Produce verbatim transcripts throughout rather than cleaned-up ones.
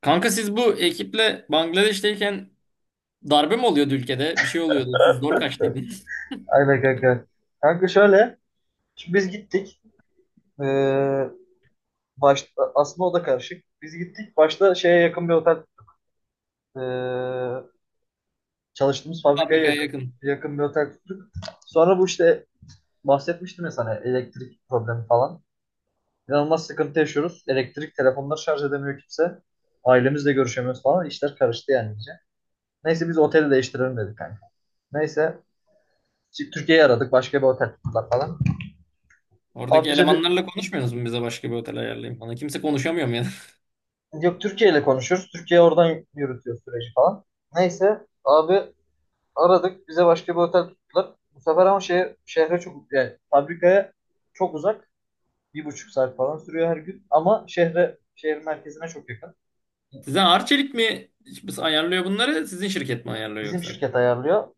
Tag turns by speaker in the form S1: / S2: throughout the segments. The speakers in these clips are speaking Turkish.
S1: Kanka siz bu ekiple Bangladeş'teyken darbe mi oluyordu ülkede? Bir şey oluyordu. Siz zor kaçtıydınız.
S2: Aynen kanka. Kanka şöyle. Şimdi biz gittik. Ee, başta, aslında o da karışık. Biz gittik. Başta şeye yakın bir otel ee, çalıştığımız fabrikaya
S1: Fabrikaya
S2: yakın,
S1: yakın.
S2: yakın bir otel tuttuk. Sonra bu işte bahsetmiştim ya sana elektrik problemi falan. İnanılmaz sıkıntı yaşıyoruz. Elektrik telefonları şarj edemiyor kimse. Ailemizle görüşemiyoruz falan. İşler karıştı yani iyice. Neyse biz oteli değiştirelim dedik kanka. Neyse Türkiye'yi aradık. Başka bir otel tuttular falan. Abi
S1: Oradaki
S2: bize bir.
S1: elemanlarla konuşmuyorsunuz mu bize başka bir otel ayarlayayım falan? Kimse konuşamıyor mu yani?
S2: Yok, Türkiye ile konuşuyoruz. Türkiye oradan yürütüyor süreci falan. Neyse abi aradık. Bize başka bir otel tuttular. Bu sefer ama şehir, şehre çok yani fabrikaya çok uzak. Bir buçuk saat falan sürüyor her gün. Ama şehre şehir merkezine çok yakın.
S1: Size Arçelik mi ayarlıyor bunları? Sizin şirket mi ayarlıyor
S2: Bizim
S1: yoksa?
S2: şirket ayarlıyor.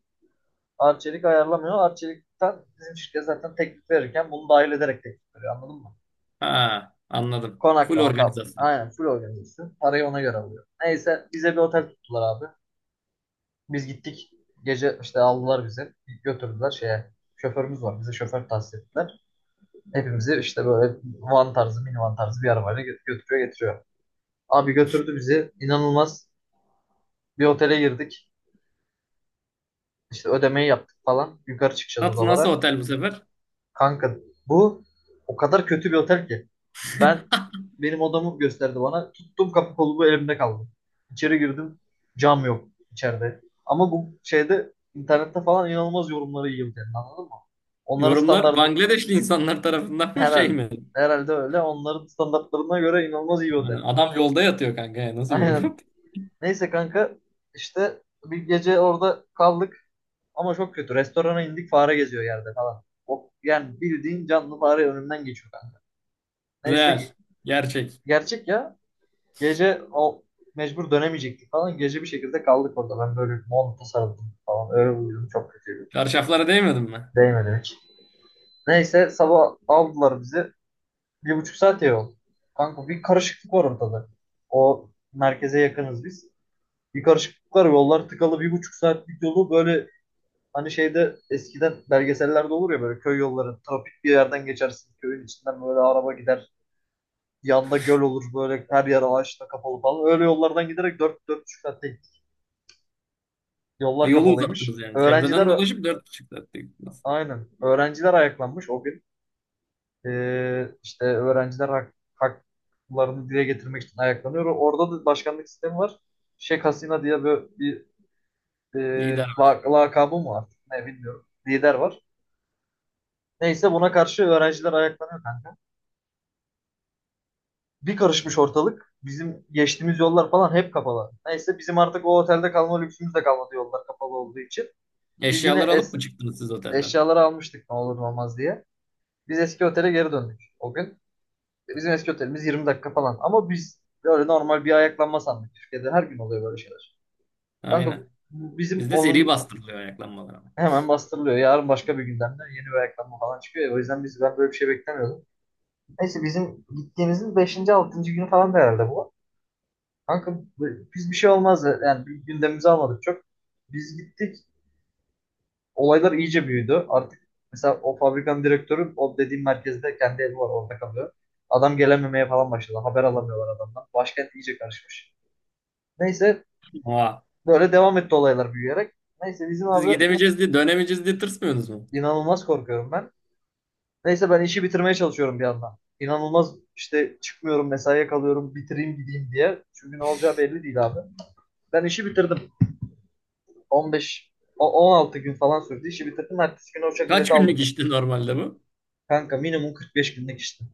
S2: Arçelik ayarlamıyor. Arçelik'ten bizim şirket zaten teklif verirken bunu dahil ederek teklif veriyor. Anladın mı?
S1: Ha, anladım. Full
S2: Konaklama kal.
S1: organizasyon.
S2: Aynen full organizasyon. Parayı ona göre alıyor. Neyse bize bir otel tuttular abi. Biz gittik. Gece işte aldılar bizi. Götürdüler şeye. Şoförümüz var. Bize şoför tahsis ettiler. Hepimizi işte böyle van tarzı, minivan tarzı bir arabayla gö- götürüyor getiriyor. Abi götürdü bizi. İnanılmaz. Bir otele girdik. İşte ödemeyi yaptık falan. Yukarı çıkacağız
S1: Nasıl, nasıl
S2: odalara.
S1: otel bu sefer?
S2: Kanka bu o kadar kötü bir otel ki. Ben benim odamı gösterdi bana. Tuttum kapı kolumu elimde kaldı. İçeri girdim. Cam yok içeride. Ama bu şeyde internette falan inanılmaz yorumları iyi otelin anladın mı? Onların
S1: Yorumlar
S2: standartı
S1: Bangladeşli insanlar tarafından mı şey
S2: herhalde
S1: mi?
S2: herhalde öyle. Onların standartlarına göre inanılmaz iyi bir
S1: Hani
S2: otel.
S1: adam yolda yatıyor kanka. Ya, nasıl yorum
S2: Aynen.
S1: yaptı?
S2: Neyse kanka işte bir gece orada kaldık ama çok kötü. Restorana indik fare geziyor yerde falan. O, yani bildiğin canlı fare önümden geçiyor kanka. Neyse.
S1: Real. Gerçek.
S2: Gerçek ya. Gece o mecbur dönemeyecektik falan. Gece bir şekilde kaldık orada. Ben böyle monta sarıldım falan. Öyle uyudum. Çok kötüydü.
S1: Çarşaflara değmedim mi?
S2: Değmedi hiç. Neyse sabah aldılar bizi. Bir buçuk saat yol. Kanka bir karışıklık var ortada. O merkeze yakınız biz. Bir karışıklık var. Yollar tıkalı. Bir buçuk saatlik yolu böyle hani şeyde eskiden belgesellerde olur ya böyle köy yolları. Trafik bir yerden geçersin. Köyün içinden böyle araba gider. Yanda göl olur böyle her yer ağaçla kapalı falan. Öyle yollardan giderek dört dört beş saatte gittik.
S1: Ha,
S2: Yollar
S1: yolu uzattınız
S2: kapalıymış.
S1: yani. Çevreden
S2: Öğrenciler
S1: dolaşıp dört buçuk saatte gittiniz.
S2: aynen. Öğrenciler ayaklanmış o gün. Ee, işte öğrenciler hak, haklarını dile getirmek için ayaklanıyor. Orada da başkanlık sistemi var. Şeyh Hasina diye böyle bir e,
S1: Lider.
S2: la- lakabı mı var? Ne bilmiyorum. Lider var. Neyse buna karşı öğrenciler ayaklanıyor kanka. Bir karışmış ortalık. Bizim geçtiğimiz yollar falan hep kapalı. Neyse bizim artık o otelde kalma lüksümüz de kalmadı yollar kapalı olduğu için. Biz yine
S1: Eşyaları alıp
S2: es
S1: mı çıktınız siz otelden?
S2: eşyaları almıştık ne olur ne olmaz diye. Biz eski otele geri döndük o gün. Bizim eski otelimiz yirmi dakika falan. Ama biz böyle normal bir ayaklanma sandık. Türkiye'de her gün oluyor böyle şeyler. Kanka
S1: Aynen.
S2: bu bizim
S1: Bizde seri
S2: onun
S1: bastırılıyor ayaklanmalar ama.
S2: hemen bastırılıyor. Yarın başka bir gündemde yeni bir ayaklanma falan çıkıyor. Ya. O yüzden biz ben böyle bir şey beklemiyordum. Neyse bizim gittiğimizin beşinci altıncı günü falan da herhalde bu. Kanka bu- biz bir şey olmaz. Yani bir gündemimizi almadık çok. Biz gittik. Olaylar iyice büyüdü. Artık mesela o fabrikanın direktörü o dediğim merkezde kendi evi var orada kalıyor. Adam gelememeye falan başladı. Haber alamıyorlar adamdan. Başkent iyice karışmış. Neyse
S1: Oha.
S2: böyle devam etti olaylar büyüyerek. Neyse bizim
S1: Siz
S2: abi
S1: gidemeyeceğiz diye dönemeyeceğiz diye tırsmıyorsunuz mu?
S2: inanılmaz korkuyorum ben. Neyse ben işi bitirmeye çalışıyorum bir yandan. İnanılmaz işte çıkmıyorum mesaiye kalıyorum bitireyim gideyim diye. Çünkü ne olacağı belli değil abi. Ben işi bitirdim. on beş o- on altı gün falan sürdü. İşi bitirdim. Ertesi gün uçak
S1: Kaç
S2: bileti
S1: günlük
S2: aldım.
S1: işti normalde bu?
S2: Kanka minimum kırk beş günlük işte.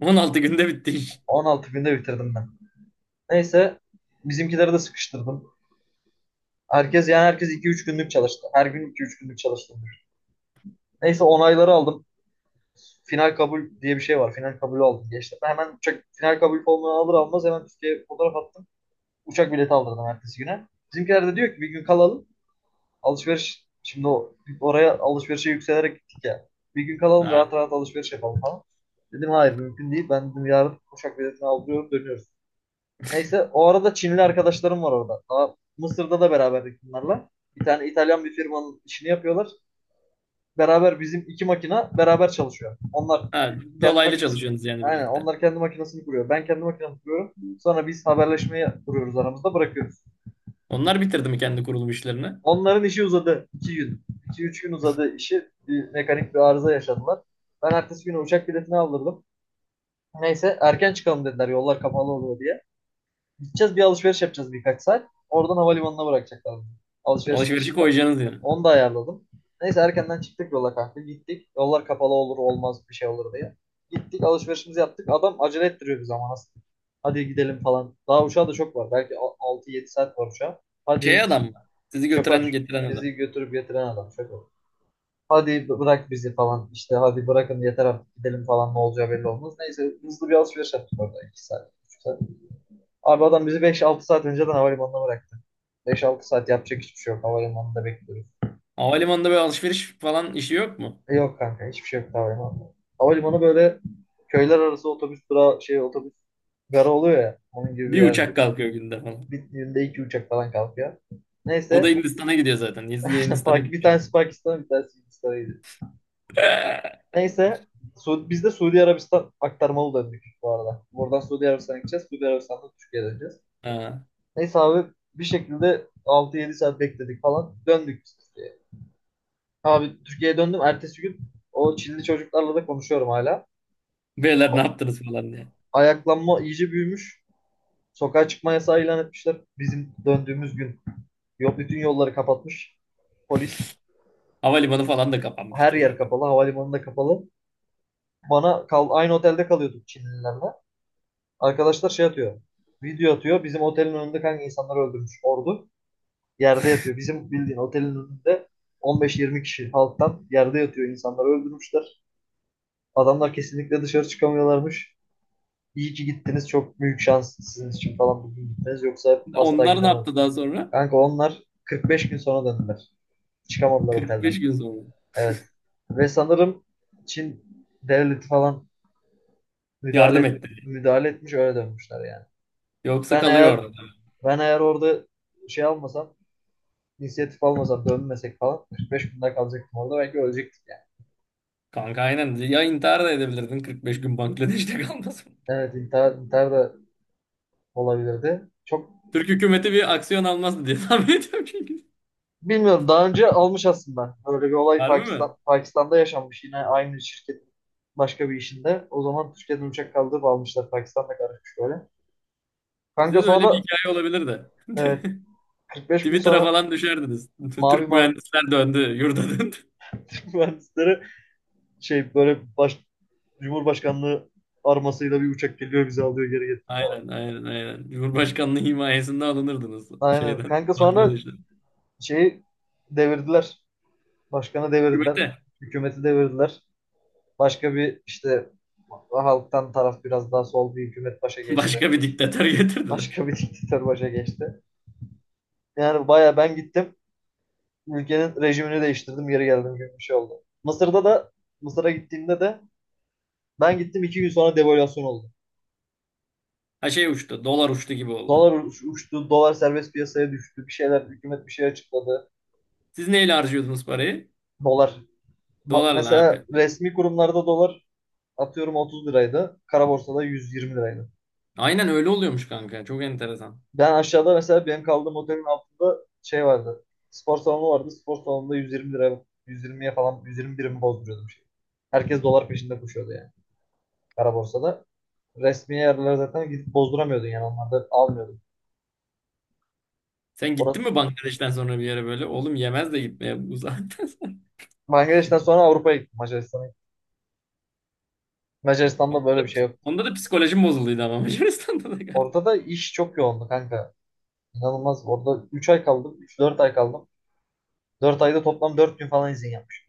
S1: On altı günde bitti iş.
S2: on altı günde bitirdim ben. Neyse bizimkileri de sıkıştırdım. Herkes yani herkes iki üç günlük çalıştı. Her gün iki üç günlük çalıştım. Neyse onayları aldım. Final kabul diye bir şey var. Final kabulü aldım. Geçtim. Hemen uçak final kabul formunu alır almaz hemen Türkiye'ye fotoğraf attım. Uçak bileti aldırdım ertesi güne. Bizimkiler de diyor ki bir gün kalalım. Alışveriş şimdi o, oraya alışverişe yükselerek gittik ya. Bir gün kalalım rahat
S1: Ha.
S2: rahat alışveriş yapalım falan. Dedim hayır mümkün değil. Ben dedim yarın uçak biletini aldırıyorum dönüyoruz. Neyse o arada Çinli arkadaşlarım var orada. Daha Mısır'da da beraberdik bunlarla. Bir tane İtalyan bir firmanın işini yapıyorlar. Beraber bizim iki makina beraber çalışıyor. Onlar
S1: Ha,
S2: kendi
S1: dolaylı
S2: makinesini
S1: çalışıyorsunuz yani
S2: aynen
S1: birlikte.
S2: onlar kendi makinesini kuruyor. Ben kendi makinemi kuruyorum. Sonra biz haberleşmeyi kuruyoruz aramızda bırakıyoruz.
S1: Onlar bitirdi mi kendi kurulum işlerini?
S2: Onların işi uzadı. İki gün. İki üç gün uzadı işi. Bir mekanik bir arıza yaşadılar. Ben ertesi günü uçak biletini aldırdım. Neyse erken çıkalım dediler yollar kapalı oluyor diye. Gideceğiz bir alışveriş yapacağız birkaç saat. Oradan havalimanına bırakacaklar. Alışveriş
S1: Alışverişi
S2: işini de,
S1: koyacaksınız yani.
S2: onu da ayarladım. Neyse erkenden çıktık yola kanka. Gittik. Yollar kapalı olur olmaz bir şey olur diye. Gittik alışverişimizi yaptık. Adam acele ettiriyor bizi ama nasıl. Hadi gidelim falan. Daha uçağa da çok var. Belki altı yedi saat var uçağa.
S1: Şey
S2: Hadi
S1: adam mı? Sizi götüren
S2: şoför
S1: getiren
S2: bizi
S1: adam.
S2: götürüp getiren adam şoför. Hadi bırak bizi falan işte hadi bırakın yeter artık gidelim falan ne olacağı belli olmaz. Neyse hızlı bir alışveriş yaptık orada iki saat, üç saat. Abi adam bizi beş altı saat önceden havalimanına bıraktı. Beş altı saat yapacak hiçbir şey yok. Havalimanında bekliyoruz.
S1: Havalimanında böyle alışveriş falan işi yok mu?
S2: E yok kanka hiçbir şey yok havalimanında. Havalimanı böyle köyler arası otobüs durağı şey otobüs gara oluyor ya. Onun gibi bir
S1: Bir
S2: yer.
S1: uçak kalkıyor günde falan.
S2: Bir günde iki uçak falan kalkıyor.
S1: O da
S2: Neyse
S1: Hindistan'a gidiyor zaten. Siz de Hindistan'a
S2: Pak- bir tanesi
S1: gidiyorsunuz.
S2: Pakistan'a bir tanesi Hindistan'a gidiyor. Neyse Su- biz de Suudi Arabistan aktarmalı döndük bu arada. Buradan Suudi Arabistan'a gideceğiz. Suudi Arabistan'dan Türkiye'ye döneceğiz.
S1: Ha.
S2: Neyse abi bir şekilde altı yedi saat bekledik falan. Döndük biz. Abi Türkiye'ye döndüm. Ertesi gün o Çinli çocuklarla da konuşuyorum hala.
S1: Beyler ne yaptınız falan diye.
S2: Ayaklanma iyice büyümüş. Sokağa çıkma yasağı ilan etmişler. Bizim döndüğümüz gün yok bütün yolları kapatmış. Polis
S1: Havalimanı falan da
S2: her
S1: kapanmıştır
S2: yer
S1: zaten.
S2: kapalı. Havalimanı da kapalı. Bana kal aynı otelde kalıyorduk Çinlilerle. Arkadaşlar şey atıyor. Video atıyor. Bizim otelin önünde kanka insanları öldürmüş ordu. Yerde yatıyor. Bizim bildiğin otelin önünde on beş yirmi kişi halktan yerde yatıyor. İnsanları öldürmüşler. Adamlar kesinlikle dışarı çıkamıyorlarmış. İyi ki gittiniz. Çok büyük şans sizin için falan bugün gittiniz. Yoksa asla
S1: Onlar ne
S2: gidemezdim.
S1: yaptı daha sonra?
S2: Kanka onlar kırk beş gün sonra döndüler. Çıkamadılar otelden.
S1: kırk beş gün sonra.
S2: Evet. Ve sanırım Çin devleti falan müdahale
S1: Yardım
S2: et-
S1: etti.
S2: müdahale etmiş öyle dönmüşler yani.
S1: Yoksa
S2: Ben
S1: kalıyor
S2: eğer
S1: orada.
S2: ben eğer orada şey almasam, inisiyatif almasam, dönmesek falan kırk beş gün daha kalacaktım orada. Belki ölecektik yani.
S1: Kanka aynen. Ya intihar da edebilirdin kırk beş gün Bangladeş'te kalmasın.
S2: Evet intihar, intihar da olabilirdi. Çok.
S1: Türk hükümeti bir aksiyon almazdı diye tahmin ediyorum çünkü.
S2: Bilmiyorum daha önce almış aslında. Böyle bir olay
S1: Harbi mi?
S2: Pakistan, Pakistan'da yaşanmış yine aynı şirketin başka bir işinde. O zaman Türkiye'den uçak kaldırıp almışlar. Pakistan'da karışmış böyle. Kanka
S1: Size de öyle bir
S2: sonra
S1: hikaye olabilir de.
S2: evet, kırk beş gün
S1: Twitter'a
S2: sonra
S1: falan düşerdiniz.
S2: Mavi
S1: Türk
S2: Mar
S1: mühendisler döndü, yurda döndü.
S2: Türk mühendisleri şey böyle baş, Cumhurbaşkanlığı armasıyla bir uçak geliyor bizi alıyor geri getiriyor.
S1: Aynen, aynen, aynen. Cumhurbaşkanlığı himayesinde alınırdınız
S2: Aynen.
S1: şeyden.
S2: Kanka sonra
S1: Bangladeş'ten.
S2: şeyi devirdiler. Başkanı devirdiler.
S1: Hükümete.
S2: Hükümeti devirdiler. Başka bir işte halktan taraf biraz daha sol bir hükümet başa geçti.
S1: Başka bir diktatör getirdiler.
S2: Başka bir diktatör başa geçti. Yani baya ben gittim. Ülkenin rejimini değiştirdim. Geri geldim gibi bir şey oldu. Mısır'da da Mısır'a gittiğimde de ben gittim iki gün sonra devalüasyon oldu.
S1: Ha, şey uçtu. Dolar uçtu gibi oldu.
S2: Dolar uç- uçtu. Dolar serbest piyasaya düştü. Bir şeyler hükümet bir şey açıkladı.
S1: Siz neyle harcıyordunuz parayı?
S2: Dolar. ma-
S1: Dolarla
S2: Mesela
S1: abi.
S2: resmi kurumlarda dolar atıyorum otuz liraydı. Kara borsada yüz yirmi liraydı.
S1: Aynen öyle oluyormuş kanka. Çok enteresan.
S2: Ben aşağıda mesela benim kaldığım otelin altında şey vardı. Spor salonu vardı. Spor salonunda yüz yirmi lira yüz yirmiye falan yüz yirmi birim bozduruyordum şey. Herkes dolar peşinde koşuyordu yani. Kara borsada. Resmi yerlere zaten gidip bozduramıyordun yani onlarda almıyordun.
S1: Sen gittin
S2: Orada
S1: mi Bangladeş'ten sonra bir yere böyle? Oğlum yemez de gitmeye bu zaten.
S2: Bangladeş'ten sonra Avrupa'ya gittim. Macaristan'a gittim.
S1: Onda
S2: Macaristan'da böyle bir
S1: da,
S2: şey yok.
S1: onda da psikolojim bozulduydu ama Macaristan'da da galiba.
S2: Orada da iş çok yoğundu kanka. İnanılmaz. Orada üç ay kaldım. Üç dört ay kaldım. Dört ayda toplam dört gün falan izin yapmış.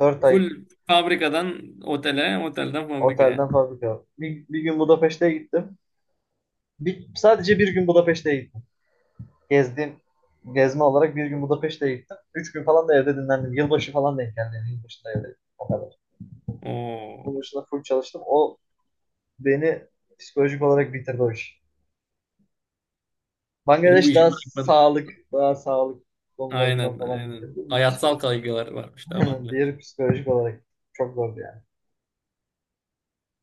S2: Dört
S1: Full
S2: ay
S1: fabrikadan otele, otelden fabrikaya.
S2: otelden fabrika. Bir, bir gün Budapeşte'ye gittim. Bir, sadece bir gün Budapeşte'ye gittim. Gezdiğim, gezme olarak bir gün Budapeşte'ye gittim. Üç gün falan da evde dinlendim. Yılbaşı falan denk geldi. Yılbaşı da evde. O kadar.
S1: Oo.
S2: Onun dışında full çalıştım. O beni psikolojik olarak bitirdi o iş.
S1: Benim bu
S2: Bangladeş
S1: işi
S2: daha
S1: bırakmadı.
S2: sağlık, daha sağlık konularından
S1: Aynen,
S2: falan
S1: aynen.
S2: bitirdi. Bu
S1: Hayatsal
S2: psikolojik.
S1: kaygılar varmış daha bende.
S2: Diğeri psikolojik olarak çok zordu yani.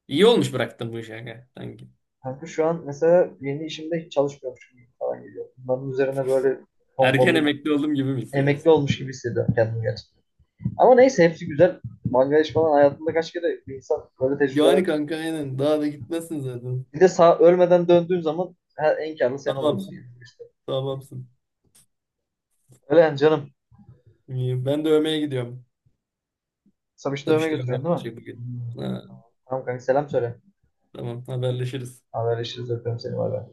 S1: İyi olmuş bıraktım bu işi kanka sanki.
S2: Kanka şu an mesela yeni işimde hiç çalışmıyormuş gibi falan geliyor. Bunların üzerine böyle
S1: Erken
S2: konforlu
S1: emekli oldum gibi mi
S2: emekli
S1: hissediyorsun?
S2: olmuş gibi hissediyorum kendimi gerçekten. Ama neyse hepsi güzel. Bangladeş falan hayatında kaç kere bir insan böyle tecrübeler.
S1: Yani kanka aynen. Daha da gitmesin zaten.
S2: Bir de sağ ölmeden döndüğün zaman her, en karlı sen oluyorsun
S1: Tamamsın.
S2: yani. İşte.
S1: Tamamsın.
S2: Öyle yani canım.
S1: İyi. Ben de övmeye gidiyorum.
S2: Samiş'i
S1: Tabii
S2: dövmeye
S1: işte övme
S2: götürüyorsun değil mi?
S1: yapacağım
S2: Hı
S1: bugün.
S2: hı.
S1: Ha,
S2: Tamam kanka selam söyle.
S1: tamam haberleşiriz.
S2: Haberleşiriz öpüyorum seni. Bay bay.